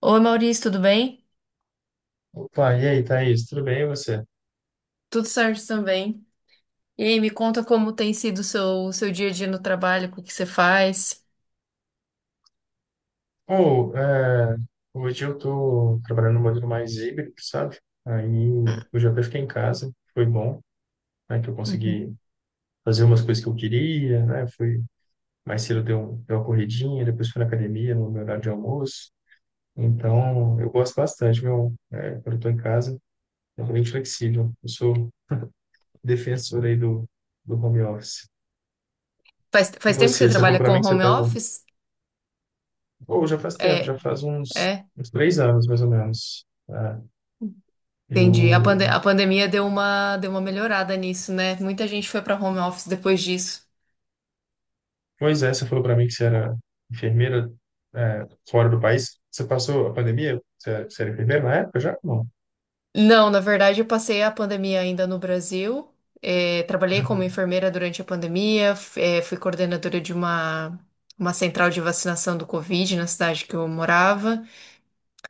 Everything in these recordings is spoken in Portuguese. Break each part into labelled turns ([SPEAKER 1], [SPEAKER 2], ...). [SPEAKER 1] Oi, Maurício, tudo bem?
[SPEAKER 2] Opa, e aí, Thaís, tudo bem e você?
[SPEAKER 1] Tudo certo também. E aí, me conta como tem sido o seu dia a dia no trabalho, o que você faz.
[SPEAKER 2] Ou, é, Hoje eu tô trabalhando no modelo mais híbrido, sabe? Aí hoje eu até fiquei em casa, foi bom, né, que eu
[SPEAKER 1] Uhum.
[SPEAKER 2] consegui fazer umas coisas que eu queria, né? Fui mais cedo deu, deu uma corridinha, depois fui na academia no meu horário de almoço. Então, eu gosto bastante, meu, quando eu tô em casa, eu tô bem flexível. Eu sou defensor aí do home office.
[SPEAKER 1] Faz,
[SPEAKER 2] E
[SPEAKER 1] faz tempo que você
[SPEAKER 2] você, você falou
[SPEAKER 1] trabalha
[SPEAKER 2] pra
[SPEAKER 1] com
[SPEAKER 2] mim que você
[SPEAKER 1] home
[SPEAKER 2] estava.
[SPEAKER 1] office?
[SPEAKER 2] Pô, já faz tempo,
[SPEAKER 1] É,
[SPEAKER 2] já faz
[SPEAKER 1] é,
[SPEAKER 2] uns 3 anos, mais ou menos. É,
[SPEAKER 1] Entendi. A, pande-
[SPEAKER 2] eu...
[SPEAKER 1] a pandemia deu uma melhorada nisso, né? Muita gente foi para home office depois disso.
[SPEAKER 2] Pois é, você falou para mim que você era enfermeira, é, fora do país. Você passou a pandemia? Você era enfermeira na época já? Não.
[SPEAKER 1] Não, na verdade, eu passei a pandemia ainda no Brasil. É, trabalhei como
[SPEAKER 2] Uhum.
[SPEAKER 1] enfermeira durante a pandemia, fui coordenadora de uma central de vacinação do Covid na cidade que eu morava.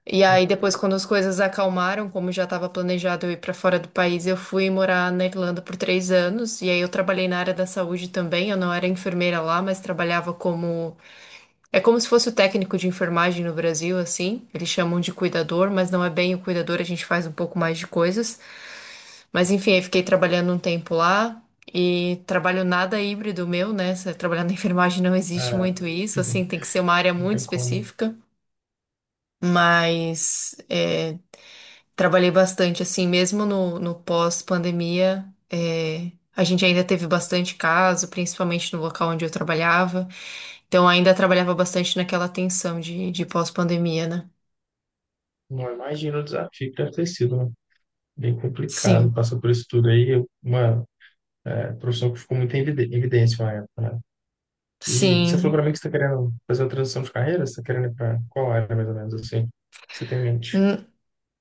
[SPEAKER 1] E aí
[SPEAKER 2] Não,
[SPEAKER 1] depois, quando
[SPEAKER 2] não.
[SPEAKER 1] as coisas acalmaram, como já estava planejado eu ir para fora do país, eu fui morar na Irlanda por três anos. E aí eu trabalhei na área da saúde também. Eu não era enfermeira lá, mas trabalhava como. É como se fosse o técnico de enfermagem no Brasil, assim. Eles chamam de cuidador, mas não é bem o cuidador, a gente faz um pouco mais de coisas. Mas enfim, aí fiquei trabalhando um tempo lá. E trabalho nada híbrido meu, né? Trabalhar na enfermagem não existe
[SPEAKER 2] É,
[SPEAKER 1] muito isso, assim,
[SPEAKER 2] uhum,
[SPEAKER 1] tem que ser uma área
[SPEAKER 2] não
[SPEAKER 1] muito
[SPEAKER 2] tem como.
[SPEAKER 1] específica. Mas é, trabalhei bastante, assim, mesmo no pós-pandemia, é, a gente ainda teve bastante caso, principalmente no local onde eu trabalhava. Então, ainda trabalhava bastante naquela tensão de pós-pandemia, né?
[SPEAKER 2] Não, imagina o desafio que deve ter sido, né? Bem complicado
[SPEAKER 1] Sim,
[SPEAKER 2] passar por isso tudo aí. Uma é, profissão que ficou muito em evidência na época, né? E você falou
[SPEAKER 1] sim.
[SPEAKER 2] para mim que você está querendo fazer a transição de carreira? Você está querendo ir para qual área, mais ou menos, assim, que você tem em mente?
[SPEAKER 1] Hum,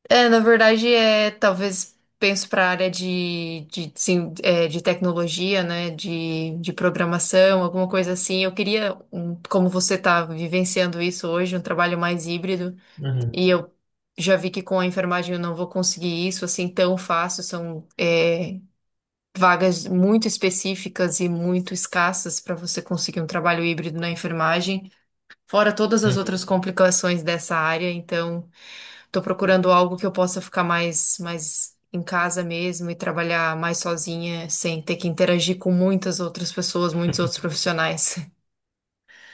[SPEAKER 1] é, na verdade, é, talvez penso para a área sim, é, de tecnologia, né? De programação, alguma coisa assim. Eu queria, um, como você está vivenciando isso hoje, um trabalho mais híbrido.
[SPEAKER 2] Uhum,
[SPEAKER 1] E eu já vi que com a enfermagem eu não vou conseguir isso assim tão fácil. São, é, vagas muito específicas e muito escassas para você conseguir um trabalho híbrido na enfermagem, fora todas as
[SPEAKER 2] uhum.
[SPEAKER 1] outras complicações dessa área. Então, estou procurando algo que eu possa ficar mais em casa mesmo e trabalhar mais sozinha, sem ter que interagir com muitas outras pessoas, muitos outros profissionais.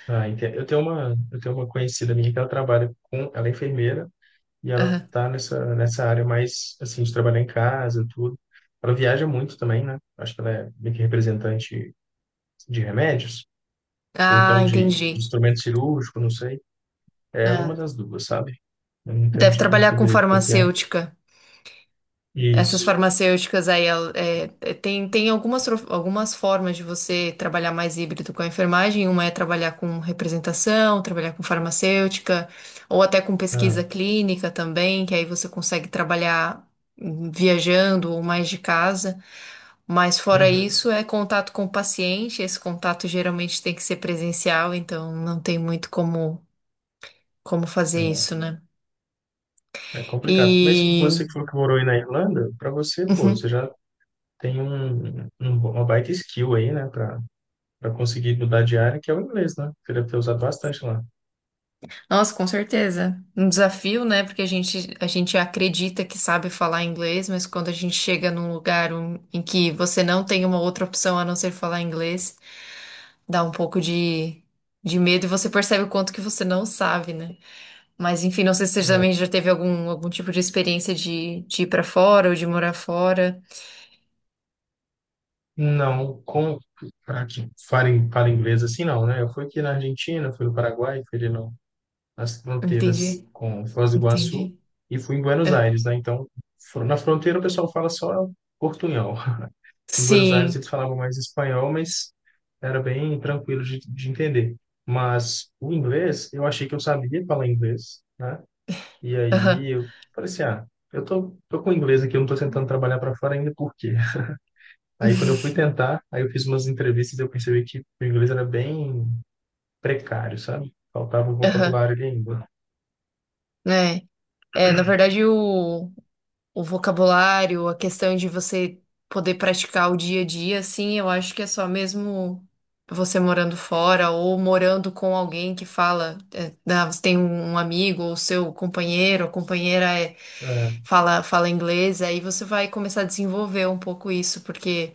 [SPEAKER 2] Ah, entendo. Eu tenho uma conhecida minha que ela trabalha com, ela é enfermeira e ela
[SPEAKER 1] Aham.
[SPEAKER 2] tá nessa área mais, assim, de trabalhar em casa, e tudo. Ela viaja muito também, né? Acho que ela é meio que representante de remédios, ou
[SPEAKER 1] Ah,
[SPEAKER 2] então de
[SPEAKER 1] entendi.
[SPEAKER 2] instrumento cirúrgico, não sei. É uma
[SPEAKER 1] É.
[SPEAKER 2] das duas, sabe? Eu não entendo,
[SPEAKER 1] Deve
[SPEAKER 2] não
[SPEAKER 1] trabalhar
[SPEAKER 2] sei
[SPEAKER 1] com
[SPEAKER 2] direito qual que é.
[SPEAKER 1] farmacêutica. Essas
[SPEAKER 2] Isso.
[SPEAKER 1] farmacêuticas aí, tem, tem algumas, algumas formas de você trabalhar mais híbrido com a enfermagem. Uma é trabalhar com representação, trabalhar com farmacêutica, ou até com pesquisa
[SPEAKER 2] Ah,
[SPEAKER 1] clínica também, que aí você consegue trabalhar viajando ou mais de casa. Mas fora
[SPEAKER 2] uhum.
[SPEAKER 1] isso, é contato com o paciente. Esse contato geralmente tem que ser presencial, então não tem muito como, como fazer isso, né?
[SPEAKER 2] É, é complicado. Mas
[SPEAKER 1] E.
[SPEAKER 2] você que falou que morou aí na Irlanda, para você, pô, você
[SPEAKER 1] Uhum.
[SPEAKER 2] já tem uma baita skill aí, né, para para conseguir mudar de área, que é o inglês, né? Queria ter usado bastante lá.
[SPEAKER 1] Nossa, com certeza. Um desafio, né? Porque a gente acredita que sabe falar inglês, mas quando a gente chega num lugar em que você não tem uma outra opção a não ser falar inglês, dá um pouco de medo e você percebe o quanto que você não sabe, né? Mas enfim, não sei se você
[SPEAKER 2] Né?
[SPEAKER 1] também já teve algum, algum tipo de experiência de ir pra fora ou de morar fora.
[SPEAKER 2] Não, como para que falem fala inglês assim, não, né? Eu fui aqui na Argentina, fui no Paraguai, fui ali no, nas fronteiras
[SPEAKER 1] Entendi,
[SPEAKER 2] com Foz do Iguaçu
[SPEAKER 1] entendi.
[SPEAKER 2] e fui em Buenos
[SPEAKER 1] Ah,
[SPEAKER 2] Aires, né? Então, na fronteira o pessoal fala só portunhol. Em Buenos Aires
[SPEAKER 1] sim,
[SPEAKER 2] eles falavam mais espanhol, mas era bem tranquilo de entender. Mas o inglês, eu achei que eu sabia falar inglês, né? E
[SPEAKER 1] aham,
[SPEAKER 2] aí eu falei assim, ah, tô com inglês aqui, eu não tô tentando trabalhar para fora ainda, por quê? Aí quando eu fui tentar, aí eu fiz umas entrevistas e eu percebi que o inglês era bem precário, sabe? Faltava um
[SPEAKER 1] aham.
[SPEAKER 2] vocabulário ali ainda.
[SPEAKER 1] É, na verdade, o. O vocabulário, a questão de você poder praticar o dia a dia, assim, eu acho que é só mesmo você morando fora ou morando com alguém que fala, é, né, você tem um amigo ou seu companheiro, ou companheira é,
[SPEAKER 2] É,
[SPEAKER 1] fala inglês, aí você vai começar a desenvolver um pouco isso, porque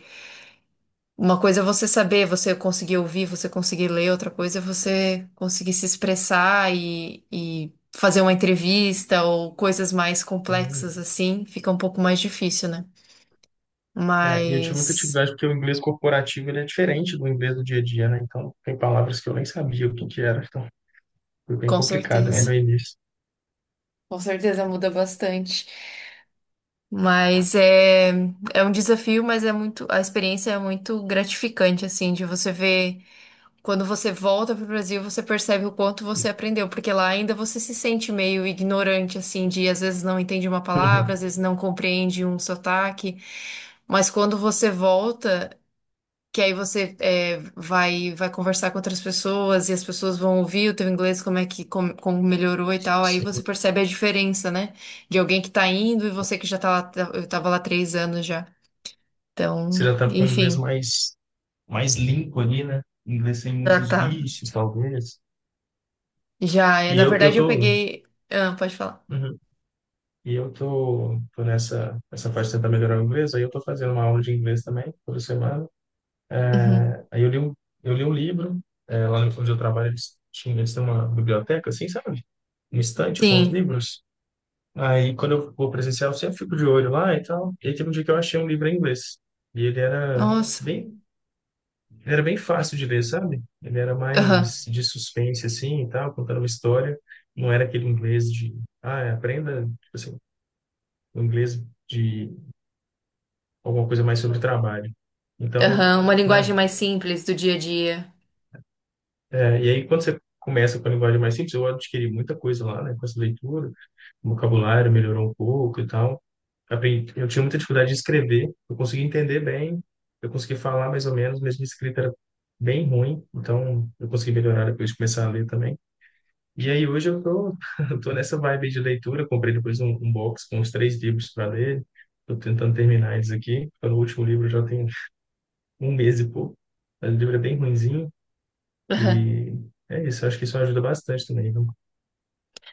[SPEAKER 1] uma coisa é você saber, você conseguir ouvir, você conseguir ler, outra coisa é você conseguir se expressar e fazer uma entrevista ou coisas mais
[SPEAKER 2] tem-
[SPEAKER 1] complexas assim, fica um pouco mais difícil, né?
[SPEAKER 2] é, e eu tive muita
[SPEAKER 1] Mas
[SPEAKER 2] dificuldade porque o inglês corporativo ele é diferente do inglês do dia a dia, né? Então tem palavras que eu nem sabia o que que era, então foi bem
[SPEAKER 1] com
[SPEAKER 2] complicado, né,
[SPEAKER 1] certeza,
[SPEAKER 2] no início.
[SPEAKER 1] com certeza muda bastante. Mas é, é um desafio, mas é muito, a experiência é muito gratificante, assim, de você ver. Quando você volta pro Brasil, você percebe o quanto você aprendeu, porque lá ainda você se sente meio ignorante, assim, de às vezes não entende uma palavra,
[SPEAKER 2] Uhum.
[SPEAKER 1] às vezes não compreende um sotaque. Mas quando você volta, que aí você é, vai conversar com outras pessoas e as pessoas vão ouvir o teu inglês, como é que como, como melhorou e tal, aí
[SPEAKER 2] Você
[SPEAKER 1] você percebe a diferença, né? De alguém que tá indo e você que já tá lá, eu tava lá três anos já.
[SPEAKER 2] você
[SPEAKER 1] Então,
[SPEAKER 2] já tá com o inglês
[SPEAKER 1] enfim,
[SPEAKER 2] mais, mais limpo ali, né? Inglês sem
[SPEAKER 1] já
[SPEAKER 2] muitos
[SPEAKER 1] tá.
[SPEAKER 2] bichos, talvez.
[SPEAKER 1] Já é,
[SPEAKER 2] E
[SPEAKER 1] na
[SPEAKER 2] eu, eu
[SPEAKER 1] verdade eu
[SPEAKER 2] tô,
[SPEAKER 1] peguei. Ah, pode falar.
[SPEAKER 2] uhum. E eu tô, tô essa parte de tentar melhorar o inglês, aí eu tô fazendo uma aula de inglês também, toda semana.
[SPEAKER 1] Uhum.
[SPEAKER 2] Aí eu li um livro, é, lá no- onde eu trabalho, eles têm uma biblioteca, assim, sabe? Um estante com os
[SPEAKER 1] Sim.
[SPEAKER 2] livros. Aí quando eu vou presencial, eu sempre fico de olho lá e tal. E aí teve um dia que eu achei um livro em inglês. E ele
[SPEAKER 1] Nossa.
[SPEAKER 2] bem, era bem fácil de ler, sabe? Ele era
[SPEAKER 1] Aham.
[SPEAKER 2] mais de suspense, assim, e tal, contando uma história. Não era aquele inglês de, ah, aprenda, tipo assim, o inglês de alguma coisa mais sobre trabalho. Então,
[SPEAKER 1] Aham. Uma
[SPEAKER 2] né?
[SPEAKER 1] linguagem mais simples do dia a dia.
[SPEAKER 2] É, e aí, quando você começa com a linguagem mais simples, eu adquiri muita coisa lá, né? Com essa leitura, o vocabulário melhorou um pouco e tal. Aprendi, eu tinha muita dificuldade de escrever, eu consegui entender bem, eu consegui falar mais ou menos, mas minha escrita era bem ruim, então eu consegui melhorar depois de começar a ler também. E aí, hoje eu tô, eu tô nessa vibe de leitura, eu comprei depois um box com os 3 livros para ler, tô tentando terminar eles aqui, o último livro já tenho um mês e pouco. O livro é bem ruinzinho
[SPEAKER 1] Aham.
[SPEAKER 2] e é isso. Acho que isso ajuda bastante também, viu?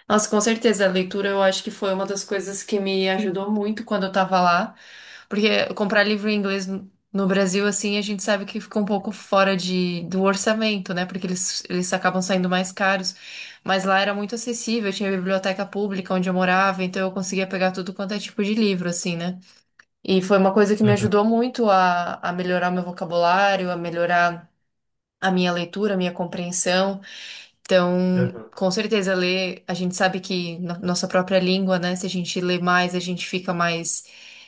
[SPEAKER 1] Nossa, com certeza. A leitura eu acho que foi uma das coisas que me ajudou muito quando eu tava lá. Porque comprar livro em inglês no Brasil, assim, a gente sabe que fica um pouco fora de, do orçamento, né? Porque eles acabam saindo mais caros. Mas lá era muito acessível, tinha biblioteca pública onde eu morava, então eu conseguia pegar tudo quanto é tipo de livro, assim, né? E foi uma coisa que me
[SPEAKER 2] Uhum,
[SPEAKER 1] ajudou muito a melhorar meu vocabulário, a melhorar a minha leitura, a minha compreensão. Então,
[SPEAKER 2] uhum,
[SPEAKER 1] com certeza, ler, a gente sabe que nossa própria língua, né? Se a gente lê mais, a gente fica mais,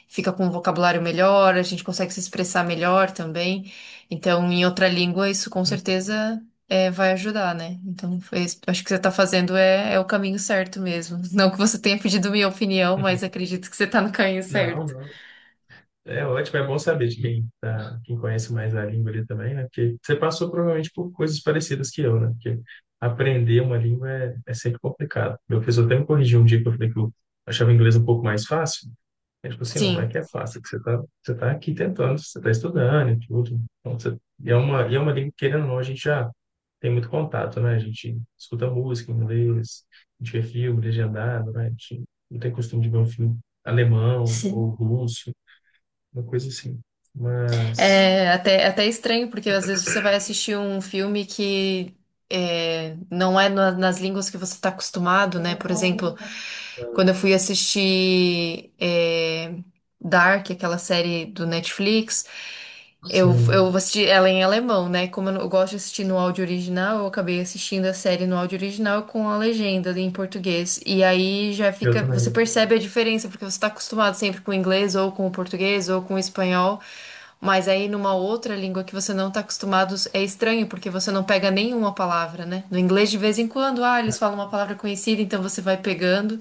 [SPEAKER 1] fica com um vocabulário melhor, a gente consegue se expressar melhor também. Então, em outra língua, isso com
[SPEAKER 2] uhum,
[SPEAKER 1] certeza é, vai ajudar, né? Então, foi isso. Acho que você está fazendo é, é o caminho certo mesmo. Não que você tenha pedido minha opinião,
[SPEAKER 2] uhum.
[SPEAKER 1] mas acredito que você está no caminho
[SPEAKER 2] Não,
[SPEAKER 1] certo.
[SPEAKER 2] não. É ótimo, é bom saber de quem, tá, quem conhece mais a língua ali também, né? Porque você passou provavelmente por coisas parecidas que eu, né? Porque aprender uma língua é sempre complicado. Meu professor até me corrigiu um dia que eu falei que eu achava o inglês um pouco mais fácil. É tipo assim, não é
[SPEAKER 1] Sim.
[SPEAKER 2] que é fácil, é que você tá aqui tentando, você tá estudando e tudo. Então, você, e é uma língua que, querendo ou não, a gente já tem muito contato, né? A gente escuta música em inglês, a gente vê filme legendado, né? A gente não tem costume de ver um filme alemão ou russo, uma coisa assim. Mas,
[SPEAKER 1] É até, até estranho, porque às vezes você vai assistir um filme que é, não é nas línguas que você está acostumado, né? Por exemplo, quando eu fui assistir é, Dark, aquela série do Netflix. Eu
[SPEAKER 2] sim,
[SPEAKER 1] assisti ela em alemão, né? Como eu, eu gosto de assistir no áudio original, eu acabei assistindo a série no áudio original com a legenda em português. E aí já
[SPEAKER 2] eu
[SPEAKER 1] fica. Você
[SPEAKER 2] também.
[SPEAKER 1] percebe a diferença, porque você tá acostumado sempre com o inglês, ou com o português, ou com o espanhol. Mas aí numa outra língua que você não tá acostumado, é estranho, porque você não pega nenhuma palavra, né? No inglês, de vez em quando, ah,
[SPEAKER 2] Ah,
[SPEAKER 1] eles falam uma palavra conhecida, então você vai pegando.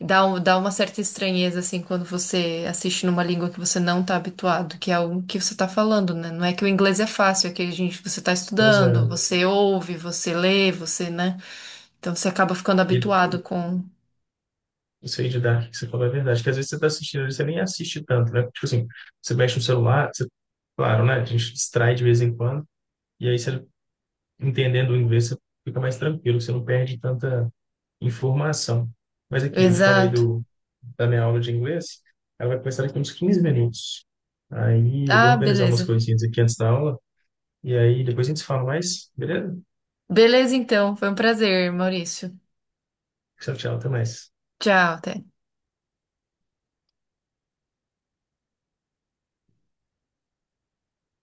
[SPEAKER 1] Dá, dá uma certa estranheza, assim, quando você assiste numa língua que você não tá habituado, que é o que você tá falando, né? Não é que o inglês é fácil, é que a gente, você tá
[SPEAKER 2] pois
[SPEAKER 1] estudando, sim,
[SPEAKER 2] é.
[SPEAKER 1] você ouve, você lê, você, né? Então você acaba ficando
[SPEAKER 2] E
[SPEAKER 1] habituado com.
[SPEAKER 2] isso aí de Dark que você falou é verdade, que às vezes você está assistindo, às vezes você nem assiste tanto, né? Tipo assim, você mexe no celular, você, claro, né? A gente distrai de vez em quando, e aí você, entendendo o inglês, você fica mais tranquilo, você não perde tanta informação. Mas aqui, eu te falei
[SPEAKER 1] Exato.
[SPEAKER 2] do, da minha aula de inglês, ela vai começar daqui uns 15 minutos. Aí eu vou
[SPEAKER 1] Ah,
[SPEAKER 2] organizar umas
[SPEAKER 1] beleza.
[SPEAKER 2] coisinhas aqui antes da aula, e aí depois a gente se fala mais, beleza?
[SPEAKER 1] Beleza, então. Foi um prazer, Maurício.
[SPEAKER 2] Tchau, tchau, até mais.
[SPEAKER 1] Tchau, até.